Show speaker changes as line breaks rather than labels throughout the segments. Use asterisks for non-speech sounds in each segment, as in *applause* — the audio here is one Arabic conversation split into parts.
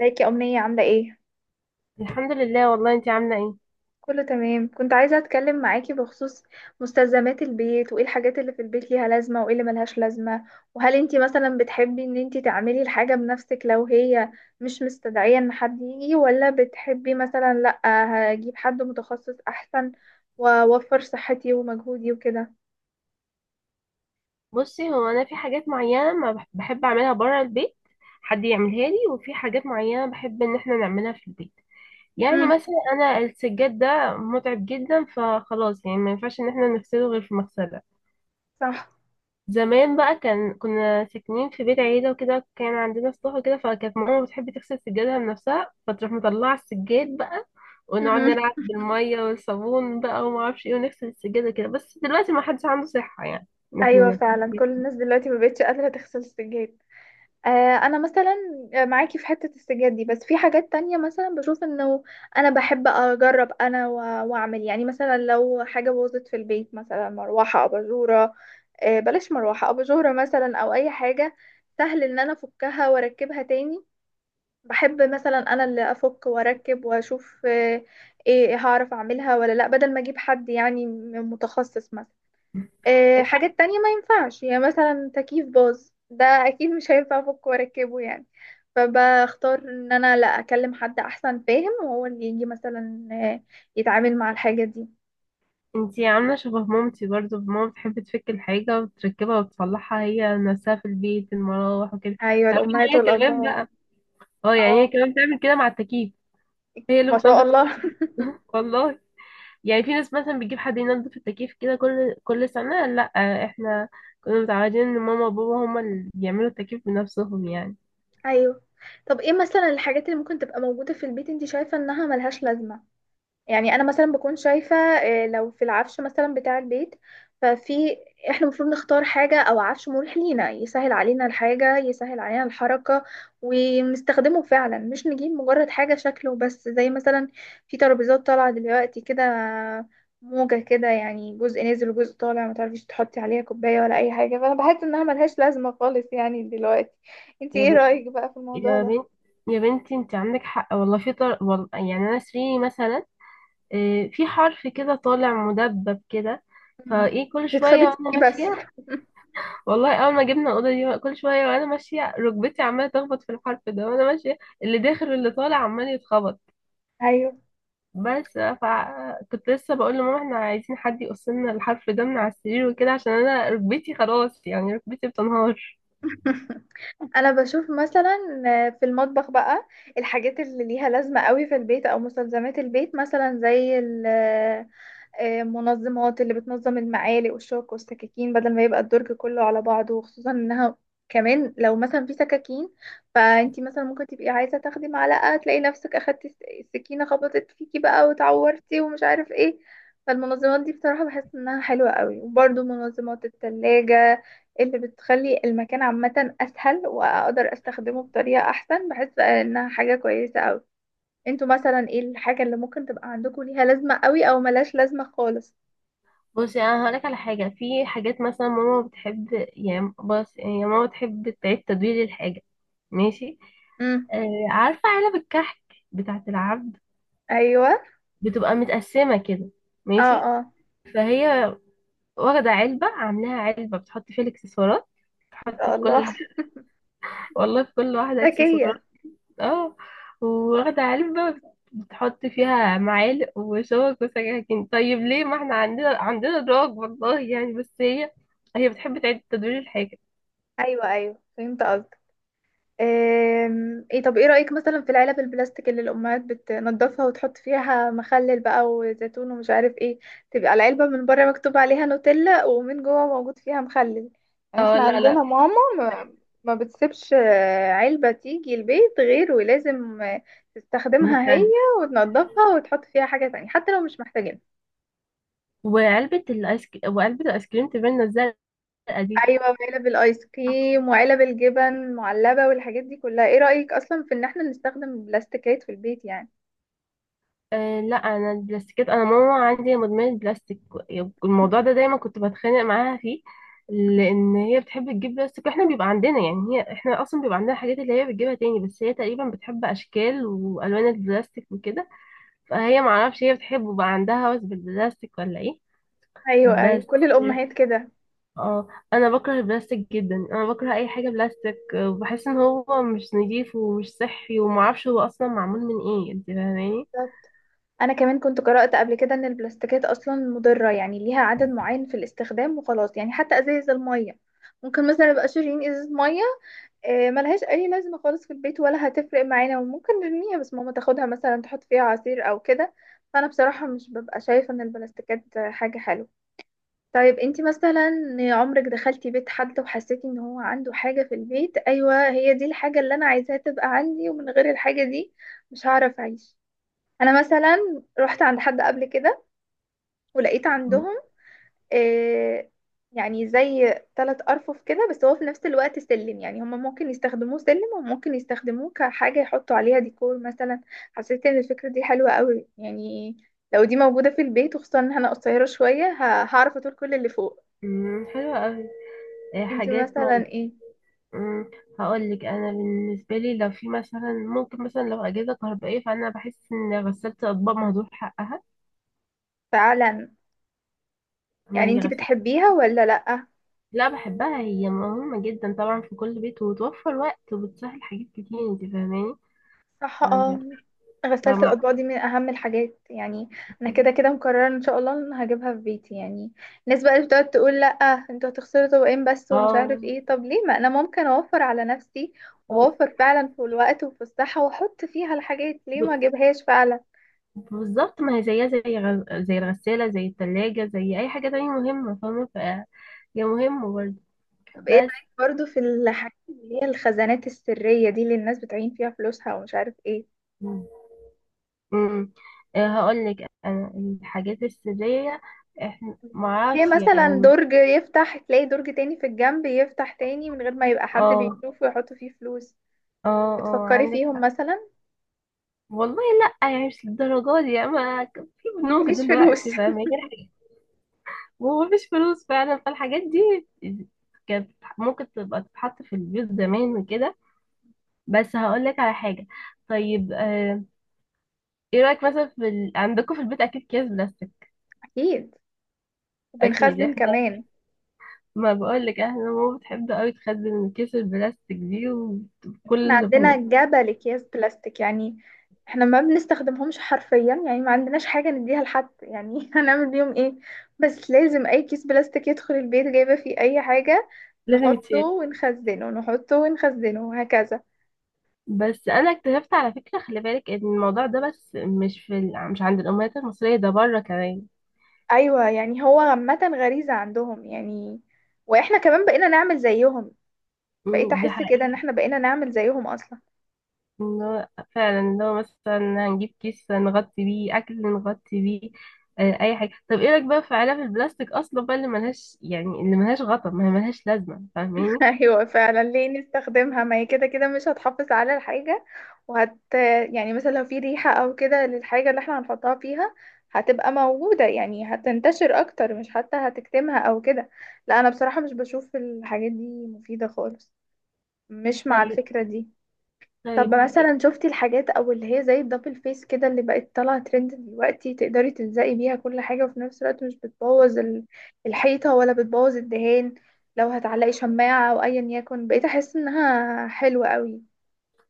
ازيك يا أمنية عاملة ايه؟
الحمد لله. والله، انت عامله ايه؟
كله تمام كنت عايزة اتكلم معاكي بخصوص مستلزمات البيت وايه الحاجات اللي في البيت ليها لازمة وايه اللي ملهاش لازمة. وهل انتي مثلا بتحبي ان انتي تعملي الحاجة بنفسك لو هي مش مستدعية ان حد يجي، ولا بتحبي مثلا لأ، هجيب حد متخصص احسن واوفر صحتي ومجهودي وكده.
بصي، هو انا في حاجات معينه ما بحب اعملها بره البيت، حد يعملها لي، وفي حاجات معينه بحب ان احنا نعملها في البيت. يعني
امم.
مثلا انا السجاد ده متعب جدا، فخلاص يعني ما ينفعش ان احنا نغسله غير في مغسله.
صح.
زمان بقى، كنا ساكنين في بيت عيلة وكده، كان عندنا سطوح وكده، فكانت ماما بتحب تغسل سجادها بنفسها، فتروح مطلعة السجاد بقى، ونقعد
امم.
نلعب
*laughs*
بالمية والصابون بقى وما اعرفش ايه، ونغسل السجادة كده. بس دلوقتي ما حدش عنده صحة يعني ان احنا
ايوه
نعمل
فعلا، كل
كده.
الناس دلوقتي مبقتش قادرة تغسل السجاد. آه، انا مثلا معاكي في حتة السجاد دي، بس في حاجات تانية مثلا بشوف انه انا بحب اجرب، واعمل يعني مثلا لو حاجة باظت في البيت، مثلا مروحة، اباجورة، بلاش مروحة، اباجورة مثلا، او اي حاجة سهل ان انا افكها واركبها تاني، بحب مثلا انا اللي افك واركب واشوف. ايه هعرف اعملها ولا لا، بدل ما اجيب حد يعني متخصص مثلا. حاجات تانية ما ينفعش، يعني مثلا تكييف باظ ده اكيد مش هينفع افكه واركبه يعني، فبختار ان انا لا اكلم حد احسن فاهم وهو اللي يجي مثلا يتعامل مع الحاجة دي.
انتي عاملة شبه مامتي، برضو ماما بتحب تفك الحاجة وتركبها وتصلحها هي نفسها في البيت، المراوح وكده.
ايوه،
تعرفي ان
الامهات
هي كمان
والابهات.
بقى، اه، يعني هي
اه،
كمان بتعمل كده مع التكييف. هي اللي
ما شاء
بتنضف
الله.
التكييف.
*laughs*
*laughs* والله. يعني في ناس مثلا بتجيب حد ينظف التكييف كده كل كل سنة. لا، احنا كنا متعودين ان ماما وبابا هما اللي بيعملوا التكييف بنفسهم يعني.
ايوه. طب ايه مثلا الحاجات اللي ممكن تبقى موجودة في البيت انت شايفة انها ملهاش لازمة؟ يعني انا مثلا بكون شايفه لو في العفش مثلا بتاع البيت، ففي، احنا المفروض نختار حاجه او عفش مريح لينا، يسهل علينا الحاجه، يسهل علينا الحركه ونستخدمه فعلا، مش نجيب مجرد حاجه شكله بس، زي مثلا في ترابيزات طالعه دلوقتي كده موجه كده، يعني جزء نازل وجزء طالع، ما تعرفيش تحطي عليها كوبايه ولا اي حاجه، فانا بحس انها ملهاش لازمه خالص يعني دلوقتي. انتي
يا
ايه
ب...
رايك بقى في الموضوع
يا
ده؟
بنت يا بنتي انت عندك حق والله. والله يعني، انا سريري مثلا في حرف كده طالع مدبب كده،
مم.
فايه كل شوية
تتخبطي
وانا
فيه بس.
ماشية. والله اول ما جبنا الأوضة دي، كل شوية وانا ماشية ركبتي عمالة تخبط في الحرف ده وانا ماشية، اللي داخل واللي طالع عمال يتخبط.
*laughs* ايوه.
بس فكنت لسه بقول لماما احنا عايزين حد يقص لنا الحرف ده من على السرير وكده، عشان انا ركبتي خلاص، يعني ركبتي بتنهار.
*laughs* انا بشوف مثلا في المطبخ بقى الحاجات اللي ليها لازمة قوي في البيت او مستلزمات البيت، مثلا زي منظمات اللي بتنظم المعالق والشوك والسكاكين، بدل ما يبقى الدرج كله على بعضه، وخصوصا انها كمان لو مثلا في سكاكين، فانتي مثلا ممكن تبقي عايزة تاخدي معلقة، تلاقي نفسك اخدتي السكينة، خبطت فيكي بقى وتعورتي ومش عارف ايه. فالمنظمات دي بصراحة بحس انها حلوة قوي، وبرده منظمات التلاجة اللي بتخلي المكان عامة اسهل واقدر استخدمه بطريقة احسن، بحس انها حاجة كويسة قوي. انتوا مثلا ايه الحاجة اللي ممكن تبقى عندكم ليها لازمة قوي او ملاش لازمة خالص؟
بصي، انا هقولك على حاجه. في حاجات مثلا ماما بتحب، يعني بص، يعني ماما بتحب تعيد تدوير الحاجه. ماشي؟
امم.
آه، عارفه علب الكحك بتاعه العبد،
ايوه.
بتبقى متقسمه كده،
اه
ماشي؟
اه.
فهي واخده علبه عاملاها علبه بتحط فيها الاكسسوارات،
ما
بتحط
شاء
في
الله.
كل،
*laughs*
والله في كل واحده
ذكية.
اكسسوارات. اه، واخدة علبة بتحط فيها معالق وشوك وسكاكين. طيب ليه، ما احنا عندنا دراج، والله يعني. بس هي، هي بتحب تعيد تدوير الحاجة.
ايوه ايوه فهمت. ايه، طب ايه رأيك مثلا في العلب البلاستيك اللي الأمهات بتنضفها وتحط فيها مخلل بقى وزيتون ومش عارف ايه، تبقى العلبة من بره مكتوب عليها نوتيلا ومن جوه موجود فيها مخلل؟ يعني
اه،
احنا
لا لا.
عندنا ماما ما بتسيبش علبة تيجي البيت غير ولازم تستخدمها هي
مكان.
وتنضفها وتحط فيها حاجة تانية حتى لو مش محتاجينها.
وعلبة الايس كريم تبان الزرقاء
ايوه، وعلب الايس
دي.
كريم وعلب الجبن المعلبة والحاجات دي كلها، ايه رأيك اصلا في ان احنا نستخدم البلاستيكات في البيت يعني؟
أه، لا، انا البلاستيكات، انا ماما عندي مدمنه بلاستيك. الموضوع ده دايما كنت بتخانق معاها فيه، لان هي بتحب تجيب بلاستيك، واحنا بيبقى عندنا يعني، هي احنا اصلا بيبقى عندنا حاجات اللي هي بتجيبها تاني. بس هي تقريبا بتحب اشكال والوان البلاستيك وكده، فهي معرفش هي بتحبه بقى، عندها هوس بالبلاستيك ولا ايه.
ايوه ايوه
بس،
كل الامهات كده.
اه، انا بكره البلاستيك جدا، انا بكره اي حاجه بلاستيك. وبحس ان هو مش نظيف ومش صحي، ومعرفش هو اصلا معمول من ايه، انت فاهماني؟
بالظبط. انا كمان كنت قرأت قبل كده ان البلاستيكات اصلا مضرة، يعني ليها عدد معين في الاستخدام وخلاص يعني، حتى ازايز المية ممكن مثلا نبقى شاريين ازازة مية، ملهاش اي لازمة خالص في البيت ولا هتفرق معانا وممكن نرميها، بس ماما تاخدها مثلا تحط فيها عصير او كده. فانا بصراحة مش ببقى شايفة ان البلاستيكات حاجة حلوة. طيب انتي مثلا عمرك دخلتي بيت حد وحسيتي ان هو عنده حاجة في البيت، ايوه هي دي الحاجة اللي انا عايزاها تبقى عندي، ومن غير الحاجة دي مش هعرف اعيش؟ انا مثلا رحت عند حد قبل كده ولقيت عندهم آه يعني زي ثلاث ارفف كده، بس هو في نفس الوقت سلم، يعني هما ممكن يستخدموه سلم وممكن يستخدموه كحاجة يحطوا عليها ديكور مثلا. حسيت ان الفكرة دي حلوة قوي يعني، لو دي موجودة في البيت، وخصوصا ان انا قصيرة شوية هعرف اطول كل اللي فوق.
مم، حلوة أوي.
انت
حاجات
مثلا
ما
ايه؟
هقول لك، انا بالنسبه لي، لو في مثلا، ممكن مثلا لو اجهزه كهربائيه، فانا بحس ان غساله الاطباق مهدور حقها.
فعلا.
ما
يعني
هي
انت
غساله.
بتحبيها ولا لأ؟
لا، بحبها، هي مهمه جدا طبعا في كل بيت، وتوفر وقت، وبتسهل حاجات كتير، انت فاهماني؟
صح، اه.
فاهمة-
غسالة
فاهمة-
الأطباق دي من أهم الحاجات يعني. أنا كده كده مقررة إن شاء الله إن هجيبها في بيتي يعني. الناس بقى اللي بتقعد تقول لأ انتوا هتخسروا طبقين بس ومش
اه
عارف ايه، طب ليه ما أنا ممكن أوفر على نفسي
ب-
وأوفر فعلا في الوقت وفي الصحة، وأحط فيها الحاجات، ليه ما
ب-
أجيبهاش فعلا؟
بالظبط ما هي زيها زي زي الغساله، زي الثلاجه، زي اي حاجه تانية مهمه، فاهمه، ف هي مهمه برضه.
طب ايه
بس.
رأيك برضو في الحاجات اللي هي الخزانات السرية دي اللي الناس بتعين فيها فلوسها ومش عارف ايه؟
امم هقول لك، انا الحاجات السريه، احنا ما
هي
اعرفش
مثلا
يعني.
درج يفتح تلاقي درج تاني في الجنب يفتح تاني من غير ما يبقى حد
اه،
بيشوفه ويحط فيه فلوس.
اه، اه،
بتفكري
عندك
فيهم
حق
مثلا؟
والله. لا يعني، مش للدرجه دي يعني. ما في بنوك
مفيش فلوس.
دلوقتي،
*laughs*
فاهمه يعني، ومفيش فلوس فعلا. فالحاجات دي كانت ممكن تبقى تتحط في البيوت زمان وكده. بس هقول لك على حاجه. طيب، ايه رايك مثلا في عندكم في البيت اكيد اكياس بلاستيك.
اكيد،
اكيد.
وبنخزن كمان.
ما بقول لك احنا ماما بتحب قوي تخزن الكيس البلاستيك دي،
احنا
وكل
عندنا
ما-
جبل اكياس بلاستيك يعني، احنا ما بنستخدمهمش حرفيا، يعني ما عندناش حاجة نديها لحد يعني، *laughs* هنعمل بيهم ايه؟ بس لازم اي كيس بلاستيك يدخل البيت جايبة فيه اي حاجة،
لازم
نحطه
يتشال.
ونخزنه، نحطه ونخزنه، وهكذا.
بس انا اكتشفت على فكره، خلي بالك ان الموضوع ده بس مش في مش عند الامهات المصريه، ده بره كمان.
ايوه، يعني هو عامه غريزه عندهم يعني، واحنا كمان بقينا نعمل زيهم. بقيت
أمم، دي
احس كده ان
حقيقه.
احنا بقينا نعمل زيهم اصلا.
ان هو فعلا، ان هو مثلا هنجيب كيس نغطي بيه اكل، نغطي بيه اي حاجه. طب ايه رايك بقى في علب البلاستيك اصلا بقى اللي ملهاش يعني اللي ملهاش غطا، ما هي ملهاش لازمه،
*laughs*
فاهماني؟
ايوه فعلا، ليه نستخدمها؟ ما هي كده كده مش هتحافظ على الحاجه، وهت يعني مثلا لو في ريحه او كده للحاجه اللي احنا هنحطها فيها، هتبقى موجوده يعني، هتنتشر اكتر، مش حتى هتكتمها او كده. لا انا بصراحه مش بشوف الحاجات دي مفيده خالص، مش مع
طيب،
الفكره دي. طب
طيب.
مثلا شفتي الحاجات او اللي هي زي الدبل فيس كده، اللي بقت طالعه ترند دلوقتي، تقدري تلزقي بيها كل حاجه، وفي نفس الوقت مش بتبوظ الحيطه ولا بتبوظ الدهان، لو هتعلقي شماعه او ايا يكن، بقيت احس انها حلوه قوي.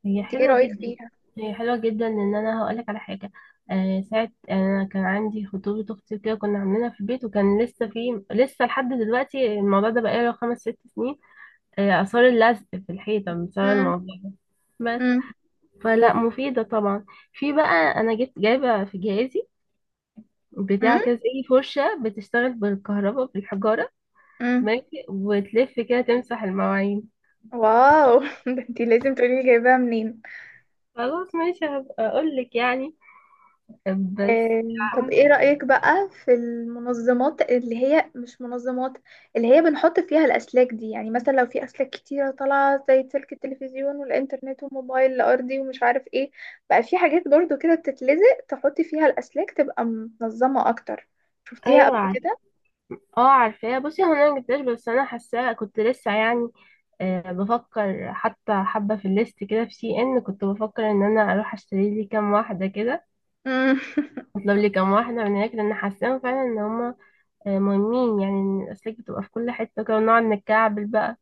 هي
انت ايه
حلوة
رايك
جدا
فيها؟
هي حلوة جدا ان انا هقولك على حاجة. ساعة انا كان عندي خطوبة اختي كده، كنا عاملينها في البيت، وكان لسه لحد دلوقتي الموضوع ده بقاله 5 6 سنين. آثار اللزق في الحيطة بسبب
امم.
الموضوع ده. بس،
امم.
فلا مفيدة طبعا. في بقى، انا جايبة في جهازي بتاع كده، زي فرشة بتشتغل بالكهرباء بالحجارة،
امم.
ماشي، وتلف كده تمسح المواعين.
واو. *laughs* ده انت لازم تقولي لي جايباها منين.
خلاص ماشي، هبقى اقولك يعني. بس.
آه، طب ايه رأيك بقى في المنظمات اللي هي مش منظمات، اللي هي بنحط فيها الأسلاك دي؟ يعني مثلا لو في أسلاك كتيرة طالعة، زي سلك التلفزيون والإنترنت والموبايل الأرضي ومش عارف ايه، بقى في حاجات برضو كده بتتلزق تحطي فيها الأسلاك، تبقى منظمة أكتر. شفتيها قبل
ايوه،
كده؟
اه، عارفاه. بصي، هو انا مجبتهاش، بس انا حاساه، كنت لسه يعني بفكر حتى حبه في الليست كده، في سي ان، كنت بفكر ان انا اروح اشتري لي كام واحده كده،
مم. *laughs*
اطلب لي كام واحده من هناك، لان حاساهم فعلا ان هما مهمين. يعني إن الاسلاك بتبقى في كل حته كده، ونقعد نتكعبل بقى.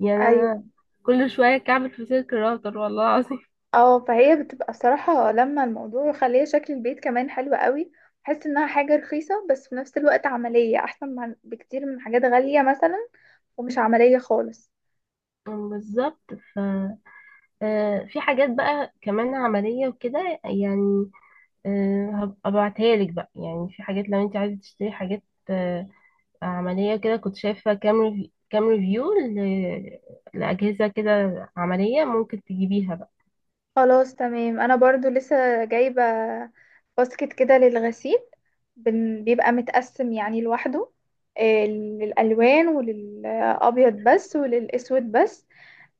يعني
ايوه.
انا كل شويه كعبل في سلك الراوتر والله العظيم.
اه، فهي بتبقى بصراحة لما الموضوع يخليها، شكل البيت كمان حلو قوي، بحس انها حاجة رخيصة بس في نفس الوقت عملية، احسن من بكتير من حاجات غالية مثلا ومش عملية خالص.
*laughs* بالظبط. ف في حاجات بقى كمان عمليه وكده يعني. هبقى ابعتها لك بقى، يعني في حاجات لو انت عايزه تشتري حاجات آه، عملية كده. كنت شايفة كام ريفيو لأجهزة كده عملية، ممكن تجيبيها بقى.
خلاص تمام، انا برضو لسه جايبة باسكت كده للغسيل، بيبقى متقسم يعني لوحده، للألوان وللأبيض بس وللأسود بس،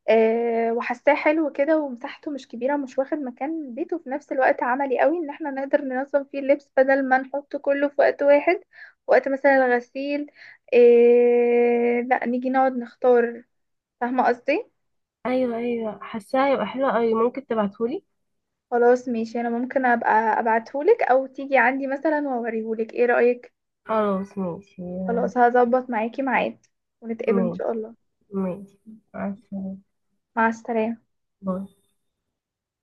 وحاساه حلو كده، ومساحته مش كبيرة، مش واخد مكان البيت، وفي نفس الوقت عملي قوي ان احنا نقدر ننظم فيه اللبس، بدل ما نحط كله في وقت واحد وقت مثلا الغسيل، لا نيجي نقعد نختار. فاهمة قصدي؟
أيوة، أيوة، حاساها هيبقى حلوة أوي، ممكن تبعتهولي.
خلاص ماشي، انا ممكن ابقى ابعتهولك او تيجي عندي مثلا واوريهولك، ايه رأيك؟
خلاص ماشي،
خلاص، هظبط معاكي ميعاد ونتقابل ان
ماشي،
شاء الله.
ماشي. مع السلامة.
مع السلامة.
باي.